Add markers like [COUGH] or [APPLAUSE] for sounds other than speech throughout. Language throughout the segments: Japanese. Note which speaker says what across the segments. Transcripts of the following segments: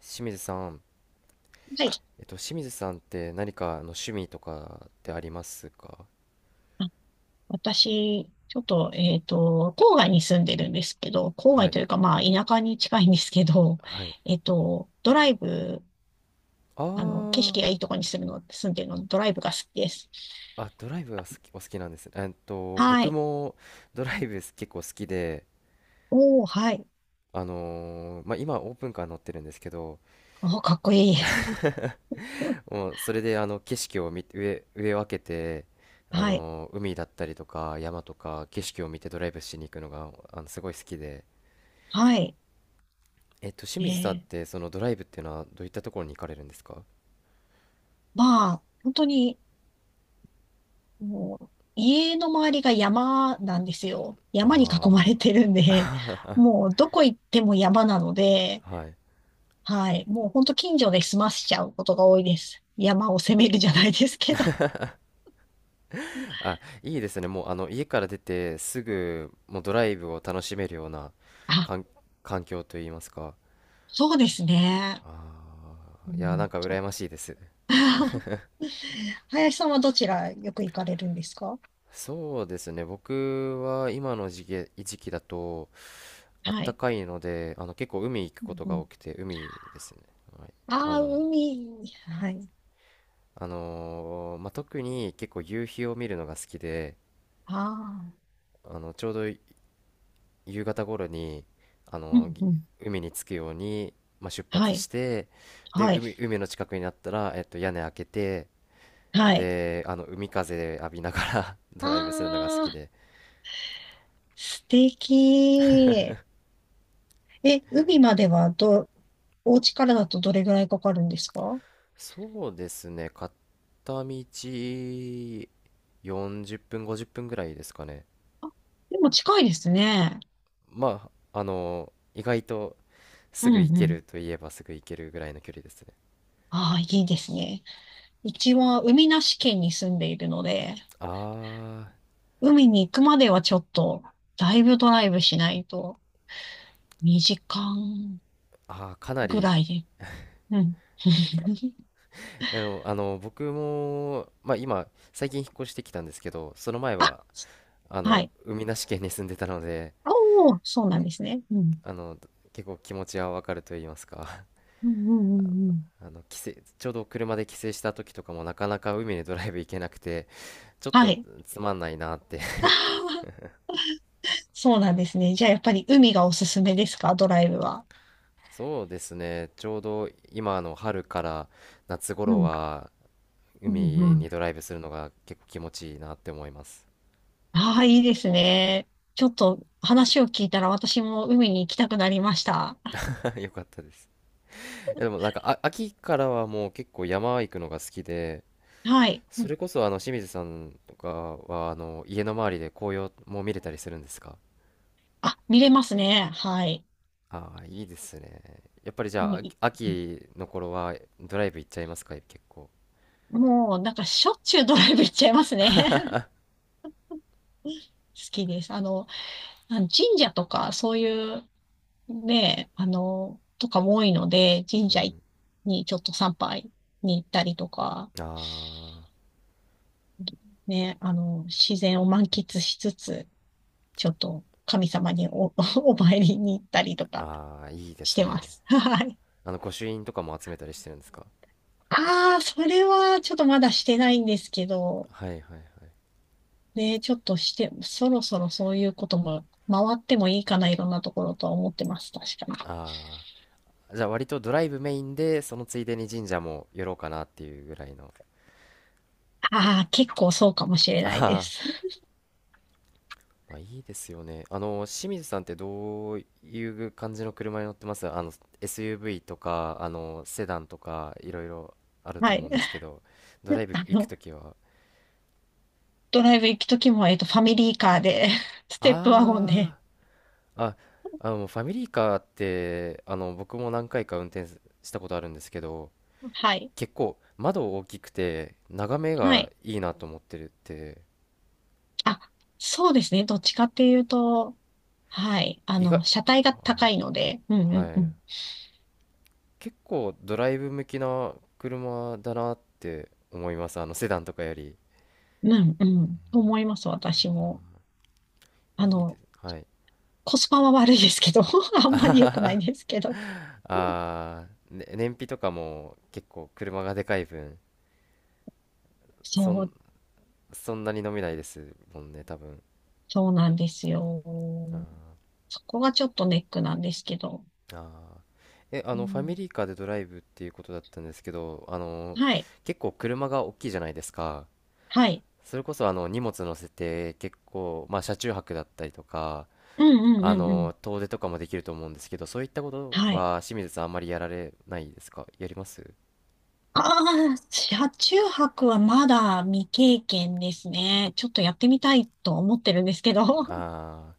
Speaker 1: 清水さん、
Speaker 2: はい。
Speaker 1: えっと、清水さんって何か趣味とかってありますか？
Speaker 2: あ、私、ちょっと、郊外に住んでるんですけど、郊
Speaker 1: は
Speaker 2: 外
Speaker 1: い、
Speaker 2: というか、田舎に近いんですけど、
Speaker 1: はい。
Speaker 2: [LAUGHS] ドライブ、
Speaker 1: あ
Speaker 2: 景
Speaker 1: ー、
Speaker 2: 色がいいところに住んでるので、ドライブが好きです。
Speaker 1: あ、ドライブはお好きなんですね。
Speaker 2: は
Speaker 1: 僕
Speaker 2: い。
Speaker 1: もドライブ結構好きで、
Speaker 2: おー、はい。
Speaker 1: まあ、今オープンカー乗ってるんですけど、
Speaker 2: おー、かっこいい。[LAUGHS]
Speaker 1: もうそれで景色を見て、上を開けて、
Speaker 2: はい。
Speaker 1: 海だったりとか山とか景色を見てドライブしに行くのがすごい好きで、
Speaker 2: はい。
Speaker 1: 清
Speaker 2: え
Speaker 1: 水さんっ
Speaker 2: ー、
Speaker 1: てそのドライブっていうのはどういったところに行かれるんですか？
Speaker 2: 本当に、もう、家の周りが山なんですよ。山に囲ま
Speaker 1: あ
Speaker 2: れてるんで、もう、どこ行っても山なので、
Speaker 1: あー。はい。
Speaker 2: はい。もうほんと近所で済ませちゃうことが多いです。山を攻めるじゃないですけど。
Speaker 1: あ、
Speaker 2: [LAUGHS]
Speaker 1: いいですね。もう家から出てすぐもうドライブを楽しめるような
Speaker 2: あ、
Speaker 1: 環、環境といいますか。
Speaker 2: そうですね。
Speaker 1: あ
Speaker 2: う
Speaker 1: あ、いや、なん
Speaker 2: ん、
Speaker 1: か羨ましいです。
Speaker 2: [LAUGHS] 林さんはどちらよく行かれるんですか？
Speaker 1: そうですね。僕は今の時期だとあっ
Speaker 2: は
Speaker 1: た
Speaker 2: い。
Speaker 1: かいので、結構海行く
Speaker 2: う
Speaker 1: ことが
Speaker 2: ん。
Speaker 1: 多くて、海ですね。はい、あ
Speaker 2: ああー、
Speaker 1: の、
Speaker 2: 海。はい。
Speaker 1: まあ、特に結構夕日を見るのが好きで、
Speaker 2: ああ。
Speaker 1: ちょうど夕方頃にあ
Speaker 2: う
Speaker 1: の
Speaker 2: ん
Speaker 1: ぎ
Speaker 2: うん。
Speaker 1: 海に着くように、まあ、出
Speaker 2: は
Speaker 1: 発し
Speaker 2: い。
Speaker 1: てで
Speaker 2: はい。
Speaker 1: 海の近くになったら、屋根開けて
Speaker 2: はい。
Speaker 1: で海風浴びながら [LAUGHS] ドライブするのが好
Speaker 2: あ
Speaker 1: き
Speaker 2: あ、
Speaker 1: で、
Speaker 2: 素敵。え、海まではど、お家からだとどれぐらいかかるんですか？
Speaker 1: そうですね。片道40分、50分ぐらいですかね。
Speaker 2: あ、でも近いですね。
Speaker 1: まあ意外と
Speaker 2: う
Speaker 1: す
Speaker 2: ん
Speaker 1: ぐ行
Speaker 2: う
Speaker 1: ける
Speaker 2: ん。
Speaker 1: といえばすぐ行けるぐらいの距離ですね。
Speaker 2: ああ、いいですね。うちは海なし県に住んでいるので、
Speaker 1: あー
Speaker 2: 海に行くまではちょっと、だいぶドライブしないと、2時間
Speaker 1: あー、かな
Speaker 2: ぐら
Speaker 1: り。
Speaker 2: いで。うん。[LAUGHS]
Speaker 1: 僕も、まあ、今最近引っ越してきたんですけど、その前
Speaker 2: あ、
Speaker 1: は
Speaker 2: はい。
Speaker 1: 海なし県に住んでたので、
Speaker 2: おお、そうなんですね。うん。
Speaker 1: あの結構気持ちはわかると言いますか、
Speaker 2: うんうんうんう
Speaker 1: [LAUGHS]
Speaker 2: ん。
Speaker 1: あの帰省ちょうど車で帰省した時とかもなかなか海にドライブ行けなくて、ちょっ
Speaker 2: は
Speaker 1: と
Speaker 2: い。
Speaker 1: つまんないなって
Speaker 2: [LAUGHS] あ
Speaker 1: [LAUGHS]
Speaker 2: ー、そうなんですね。じゃあやっぱり海がおすすめですか、ドライブは？
Speaker 1: そうですね。ちょうど今の春から夏
Speaker 2: う
Speaker 1: 頃
Speaker 2: ん。
Speaker 1: は
Speaker 2: う
Speaker 1: 海
Speaker 2: んうん。
Speaker 1: にドライブするのが結構気持ちいいなって思います。
Speaker 2: ああ、いいですね。ちょっと話を聞いたら私も海に行きたくなりました。
Speaker 1: [LAUGHS] よかったです。え、でもなんか秋からはもう結構山行くのが好きで、
Speaker 2: はい。
Speaker 1: それこそ清水さんとかは家の周りで紅葉も見れたりするんですか？
Speaker 2: あ、見れますね。はい。
Speaker 1: ああー、いいですね。やっぱりじゃ
Speaker 2: もう
Speaker 1: あ、
Speaker 2: い、
Speaker 1: 秋の頃はドライブ行っちゃいますか、結構。
Speaker 2: もう、なんかしょっちゅうドライブ行っちゃいますね。[LAUGHS] 好きです。神社とか、そういう、ね、とかも多いので、神
Speaker 1: う
Speaker 2: 社
Speaker 1: ん。
Speaker 2: にちょっと参拝に行ったりとか、
Speaker 1: あ
Speaker 2: ね、自然を満喫しつつ、ちょっと神様に[LAUGHS] お参りに行ったりとか
Speaker 1: あ、ああ、いいで
Speaker 2: し
Speaker 1: す
Speaker 2: てま
Speaker 1: ね。
Speaker 2: す。[LAUGHS] はい。
Speaker 1: 御朱印とかも集めたりしてるんですか？
Speaker 2: ああ、それはちょっとまだしてないんですけど、
Speaker 1: はいはいはい。
Speaker 2: ねえ、ちょっとして、そろそろそういうことも回ってもいいかな、いろんなところとは思ってます。確かに。
Speaker 1: ああ、じゃあ割とドライブメインで、そのついでに神社も寄ろうかなっていうぐらいの。
Speaker 2: ああ、結構そうかもしれな
Speaker 1: あ
Speaker 2: いで
Speaker 1: あ。
Speaker 2: す。
Speaker 1: まあ、いいですよね。清水さんってどういう感じの車に乗ってます？SUV とか、セダンとか、いろいろあ
Speaker 2: [LAUGHS]
Speaker 1: ると
Speaker 2: は
Speaker 1: 思う
Speaker 2: い。
Speaker 1: んですけど、ドライ
Speaker 2: [LAUGHS]
Speaker 1: ブ
Speaker 2: あ
Speaker 1: 行く
Speaker 2: の、
Speaker 1: ときは。
Speaker 2: ドライブ行くときも、ファミリーカーで、[LAUGHS] ステップワゴンで。
Speaker 1: あー、あ、ファミリーカーって、僕も何回か運転したことあるんですけど、
Speaker 2: はい。
Speaker 1: 結構窓大きくて、眺め
Speaker 2: は
Speaker 1: が
Speaker 2: い。
Speaker 1: いいなと思ってるって、
Speaker 2: あ、そうですね。どっちかっていうと、はい。
Speaker 1: 意外、
Speaker 2: 車体が高いので、うんう
Speaker 1: はい、
Speaker 2: ん
Speaker 1: は
Speaker 2: う
Speaker 1: い。
Speaker 2: ん。
Speaker 1: 結構ドライブ向きな車だなって思います。セダンとかより。
Speaker 2: うんうん。と思います、私も。あ
Speaker 1: いいで
Speaker 2: の、
Speaker 1: す。はい。
Speaker 2: コスパは悪いですけど、[LAUGHS] あんまり良くないですけど。[LAUGHS]
Speaker 1: ね、燃費とかも結構車がでかい分、そ
Speaker 2: そ
Speaker 1: ん、
Speaker 2: う、
Speaker 1: そんなに飲めないですもんね、多分。
Speaker 2: そうなんですよ。
Speaker 1: あ
Speaker 2: そこがちょっとネックなんですけど。
Speaker 1: ーあー。え、あ
Speaker 2: う
Speaker 1: の、ファミ
Speaker 2: ん、
Speaker 1: リーカーでドライブっていうことだったんですけど、
Speaker 2: はい。
Speaker 1: 結構車が大きいじゃないですか。
Speaker 2: はい。
Speaker 1: それこそ荷物乗せて結構、まあ、車中泊だったりとか、
Speaker 2: うんうんうんうん。
Speaker 1: 遠出とかもできると思うんですけど、そういったこと
Speaker 2: はい。
Speaker 1: は清水さんあんまりやられないですか？やります？
Speaker 2: ああ、車中泊はまだ未経験ですね。ちょっとやってみたいと思ってるんですけど。
Speaker 1: あ
Speaker 2: [LAUGHS]
Speaker 1: あー、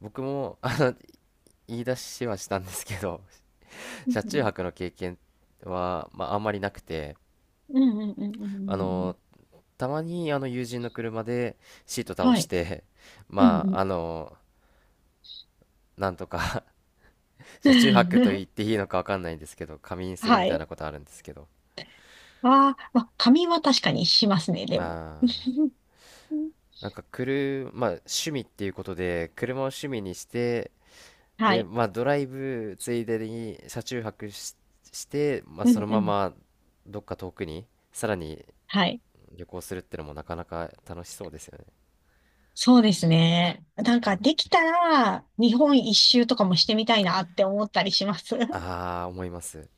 Speaker 1: 僕も言い出しはしたんですけど [LAUGHS]
Speaker 2: う
Speaker 1: 車中
Speaker 2: ん
Speaker 1: 泊の経験は、まあ、あんまりなくて、
Speaker 2: うんうんうんうんう
Speaker 1: あ
Speaker 2: んうん。
Speaker 1: のたまに友人の車でシート倒
Speaker 2: は
Speaker 1: し
Speaker 2: い。
Speaker 1: て、
Speaker 2: う
Speaker 1: まあ
Speaker 2: ん
Speaker 1: なんとか [LAUGHS]
Speaker 2: う
Speaker 1: 車中泊と
Speaker 2: ん。
Speaker 1: 言っていいのかわかんないんですけど、仮眠
Speaker 2: [LAUGHS]
Speaker 1: する
Speaker 2: は
Speaker 1: みたい
Speaker 2: い。
Speaker 1: なことあるんですけど、
Speaker 2: ああ、まあ、仮眠は確かにしますね、で
Speaker 1: ま
Speaker 2: も。
Speaker 1: あ
Speaker 2: [LAUGHS]
Speaker 1: なんか車、まあ、趣味っていうことで車を趣味にして、
Speaker 2: は
Speaker 1: で、
Speaker 2: い。
Speaker 1: まあ、ドライブついでに車中泊して、まあ、
Speaker 2: う
Speaker 1: そ
Speaker 2: ん
Speaker 1: の
Speaker 2: う
Speaker 1: ま
Speaker 2: ん。
Speaker 1: まどっか遠くにさらに
Speaker 2: はい。
Speaker 1: 旅行するってのもなかなか楽しそうですよね。
Speaker 2: そうですね。なんかできたら日本一周とかもしてみたいなって思ったりします。[LAUGHS] え、
Speaker 1: ああ、思います。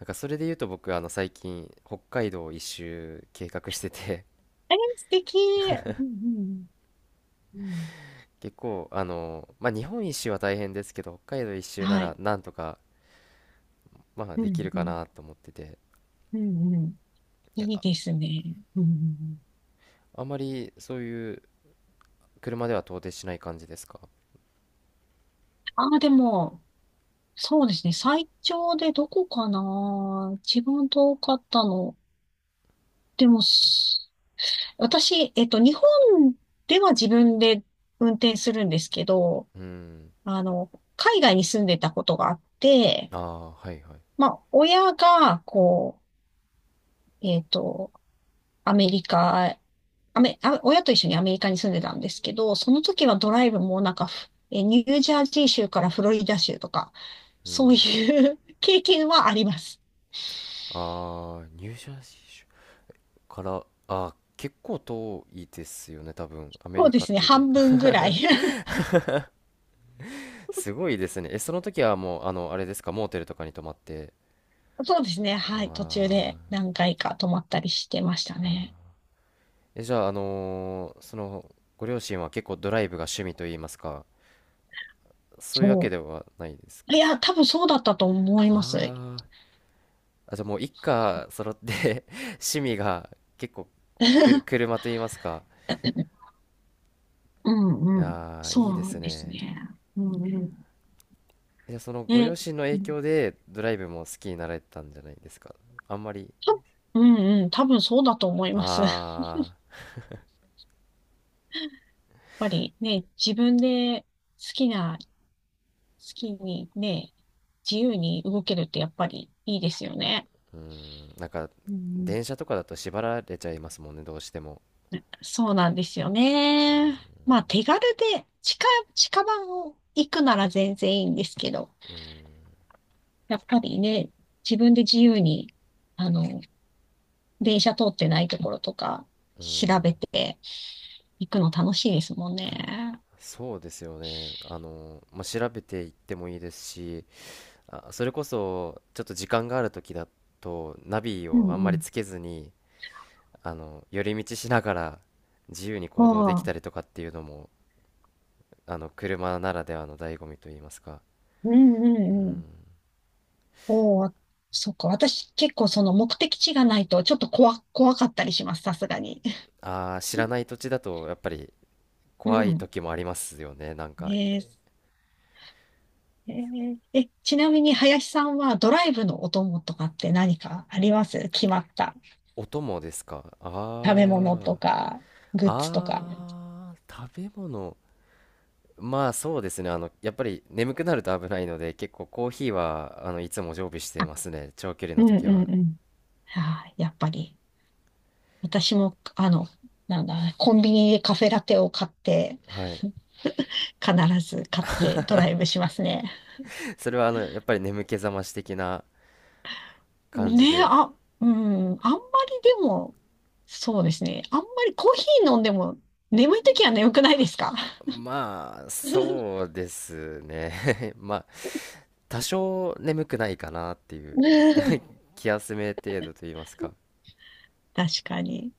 Speaker 1: なんかそれで言うと僕最近北海道一周計画してて
Speaker 2: 素敵。うんうん。うん。
Speaker 1: [LAUGHS] 結構まあ日本一周は大変ですけど、北海道一周な
Speaker 2: は
Speaker 1: ら
Speaker 2: い。
Speaker 1: なんとかまあ
Speaker 2: う
Speaker 1: でき
Speaker 2: ん
Speaker 1: る
Speaker 2: う
Speaker 1: か
Speaker 2: ん。
Speaker 1: なと思ってて、
Speaker 2: うんうん。いいですね。うんうんうん。
Speaker 1: あんまりそういう車では到底しない感じですか？
Speaker 2: ああ、でも、そうですね。最長でどこかな、一番遠かったの。でも、私、日本では自分で運転するんですけど、
Speaker 1: うん。
Speaker 2: あの、海外に住んでたことがあって、
Speaker 1: ああー、はいはい。
Speaker 2: 親が、う、えっと、アメリカ、アメ、あ、親と一緒にアメリカに住んでたんですけど、その時はドライブもなんかニュージャージー州からフロリダ州とか、
Speaker 1: う
Speaker 2: そう
Speaker 1: ん。
Speaker 2: いう [LAUGHS] 経験はあります。
Speaker 1: ああ、ニュージャージー州から、結構遠いですよね、多分。アメ
Speaker 2: そう
Speaker 1: リ
Speaker 2: で
Speaker 1: カっ
Speaker 2: すね、
Speaker 1: て言って。
Speaker 2: 半分ぐらい。[LAUGHS]
Speaker 1: [LAUGHS] すごいですね。え、その時はもう、あれですか、モーテルとかに泊まって。
Speaker 2: そうですね、
Speaker 1: あ
Speaker 2: はい、途中で
Speaker 1: あ。
Speaker 2: 何回か泊まったりしてましたね。
Speaker 1: え、じゃあ、ご両親は結構ドライブが趣味といいますか、そういうわけ
Speaker 2: そ
Speaker 1: ではないです
Speaker 2: う。い
Speaker 1: か。
Speaker 2: や、多分そうだったと思います。
Speaker 1: ああ。あ、じゃあもう一家揃って [LAUGHS] 趣味が結構、
Speaker 2: [LAUGHS]
Speaker 1: 車といいますか。
Speaker 2: うんうん。
Speaker 1: あー、いいで
Speaker 2: そ
Speaker 1: す
Speaker 2: うです
Speaker 1: ね。
Speaker 2: ね。うんうん
Speaker 1: じゃあそのご両
Speaker 2: ね、
Speaker 1: 親の
Speaker 2: う
Speaker 1: 影
Speaker 2: ん
Speaker 1: 響でドライブも好きになられたんじゃないですか。あんまり、
Speaker 2: たうんうん、多分そうだと思います。[LAUGHS] やっ
Speaker 1: ああ、
Speaker 2: ぱりね、自分で好きにね、自由に動けるってやっぱりいいですよね。
Speaker 1: うん、なんか
Speaker 2: うん、
Speaker 1: 電車とかだと縛られちゃいますもんね、どうしても。
Speaker 2: そうなんですよね。まあ手軽で近場を行くなら全然いいんですけど、
Speaker 1: うん、
Speaker 2: やっぱりね、自分で自由に、あの、電車通ってないところとか
Speaker 1: うん、
Speaker 2: 調べて行くの楽しいですもんね。
Speaker 1: そうですよね。まあ、調べていってもいいですし、あ、それこそちょっと時間がある時だとナビ
Speaker 2: う
Speaker 1: をあん
Speaker 2: ん
Speaker 1: ま
Speaker 2: う
Speaker 1: り
Speaker 2: ん。
Speaker 1: つけずに、寄り道しながら自由に
Speaker 2: ま
Speaker 1: 行動でき
Speaker 2: あ
Speaker 1: たりとかっていうのも、車ならではの醍醐味といいますか。
Speaker 2: うんう
Speaker 1: う
Speaker 2: んうん。
Speaker 1: ん。
Speaker 2: おお、そっか。私結構その目的地がないとちょっと怖かったりします。さすがに。
Speaker 1: ああ、知らない土地だとやっぱり
Speaker 2: [LAUGHS] う
Speaker 1: 怖い
Speaker 2: ん。
Speaker 1: 時もありますよね。なんか、
Speaker 2: ねえー、えーえ、ちなみに林さんはドライブのお供とかって何かあります？決まった
Speaker 1: 音もですか。
Speaker 2: 食べ物と
Speaker 1: あ
Speaker 2: か、
Speaker 1: あ、
Speaker 2: グッズとか。
Speaker 1: ああ、食べ物。まあそうですね。やっぱり眠くなると危ないので、結構コーヒーは、いつも常備して
Speaker 2: あ、
Speaker 1: ますね。長距離
Speaker 2: う
Speaker 1: の
Speaker 2: んう
Speaker 1: 時は。
Speaker 2: んうん。あ、やっぱり。私も、なんだ、コンビニでカフェラテを買って、
Speaker 1: はい。
Speaker 2: 必ず買ってドライブしますね。
Speaker 1: それは、やっぱり眠気覚まし的な感じ
Speaker 2: ね、
Speaker 1: で。
Speaker 2: あ、うん、あんまりでも、そうですね。あんまりコーヒー飲んでも眠いときは眠くないですか？
Speaker 1: まあ、
Speaker 2: [LAUGHS]
Speaker 1: そうですね。[LAUGHS] まあ、多少眠くないかなっていう [LAUGHS] 気休め程度と言いますか。
Speaker 2: 確かに。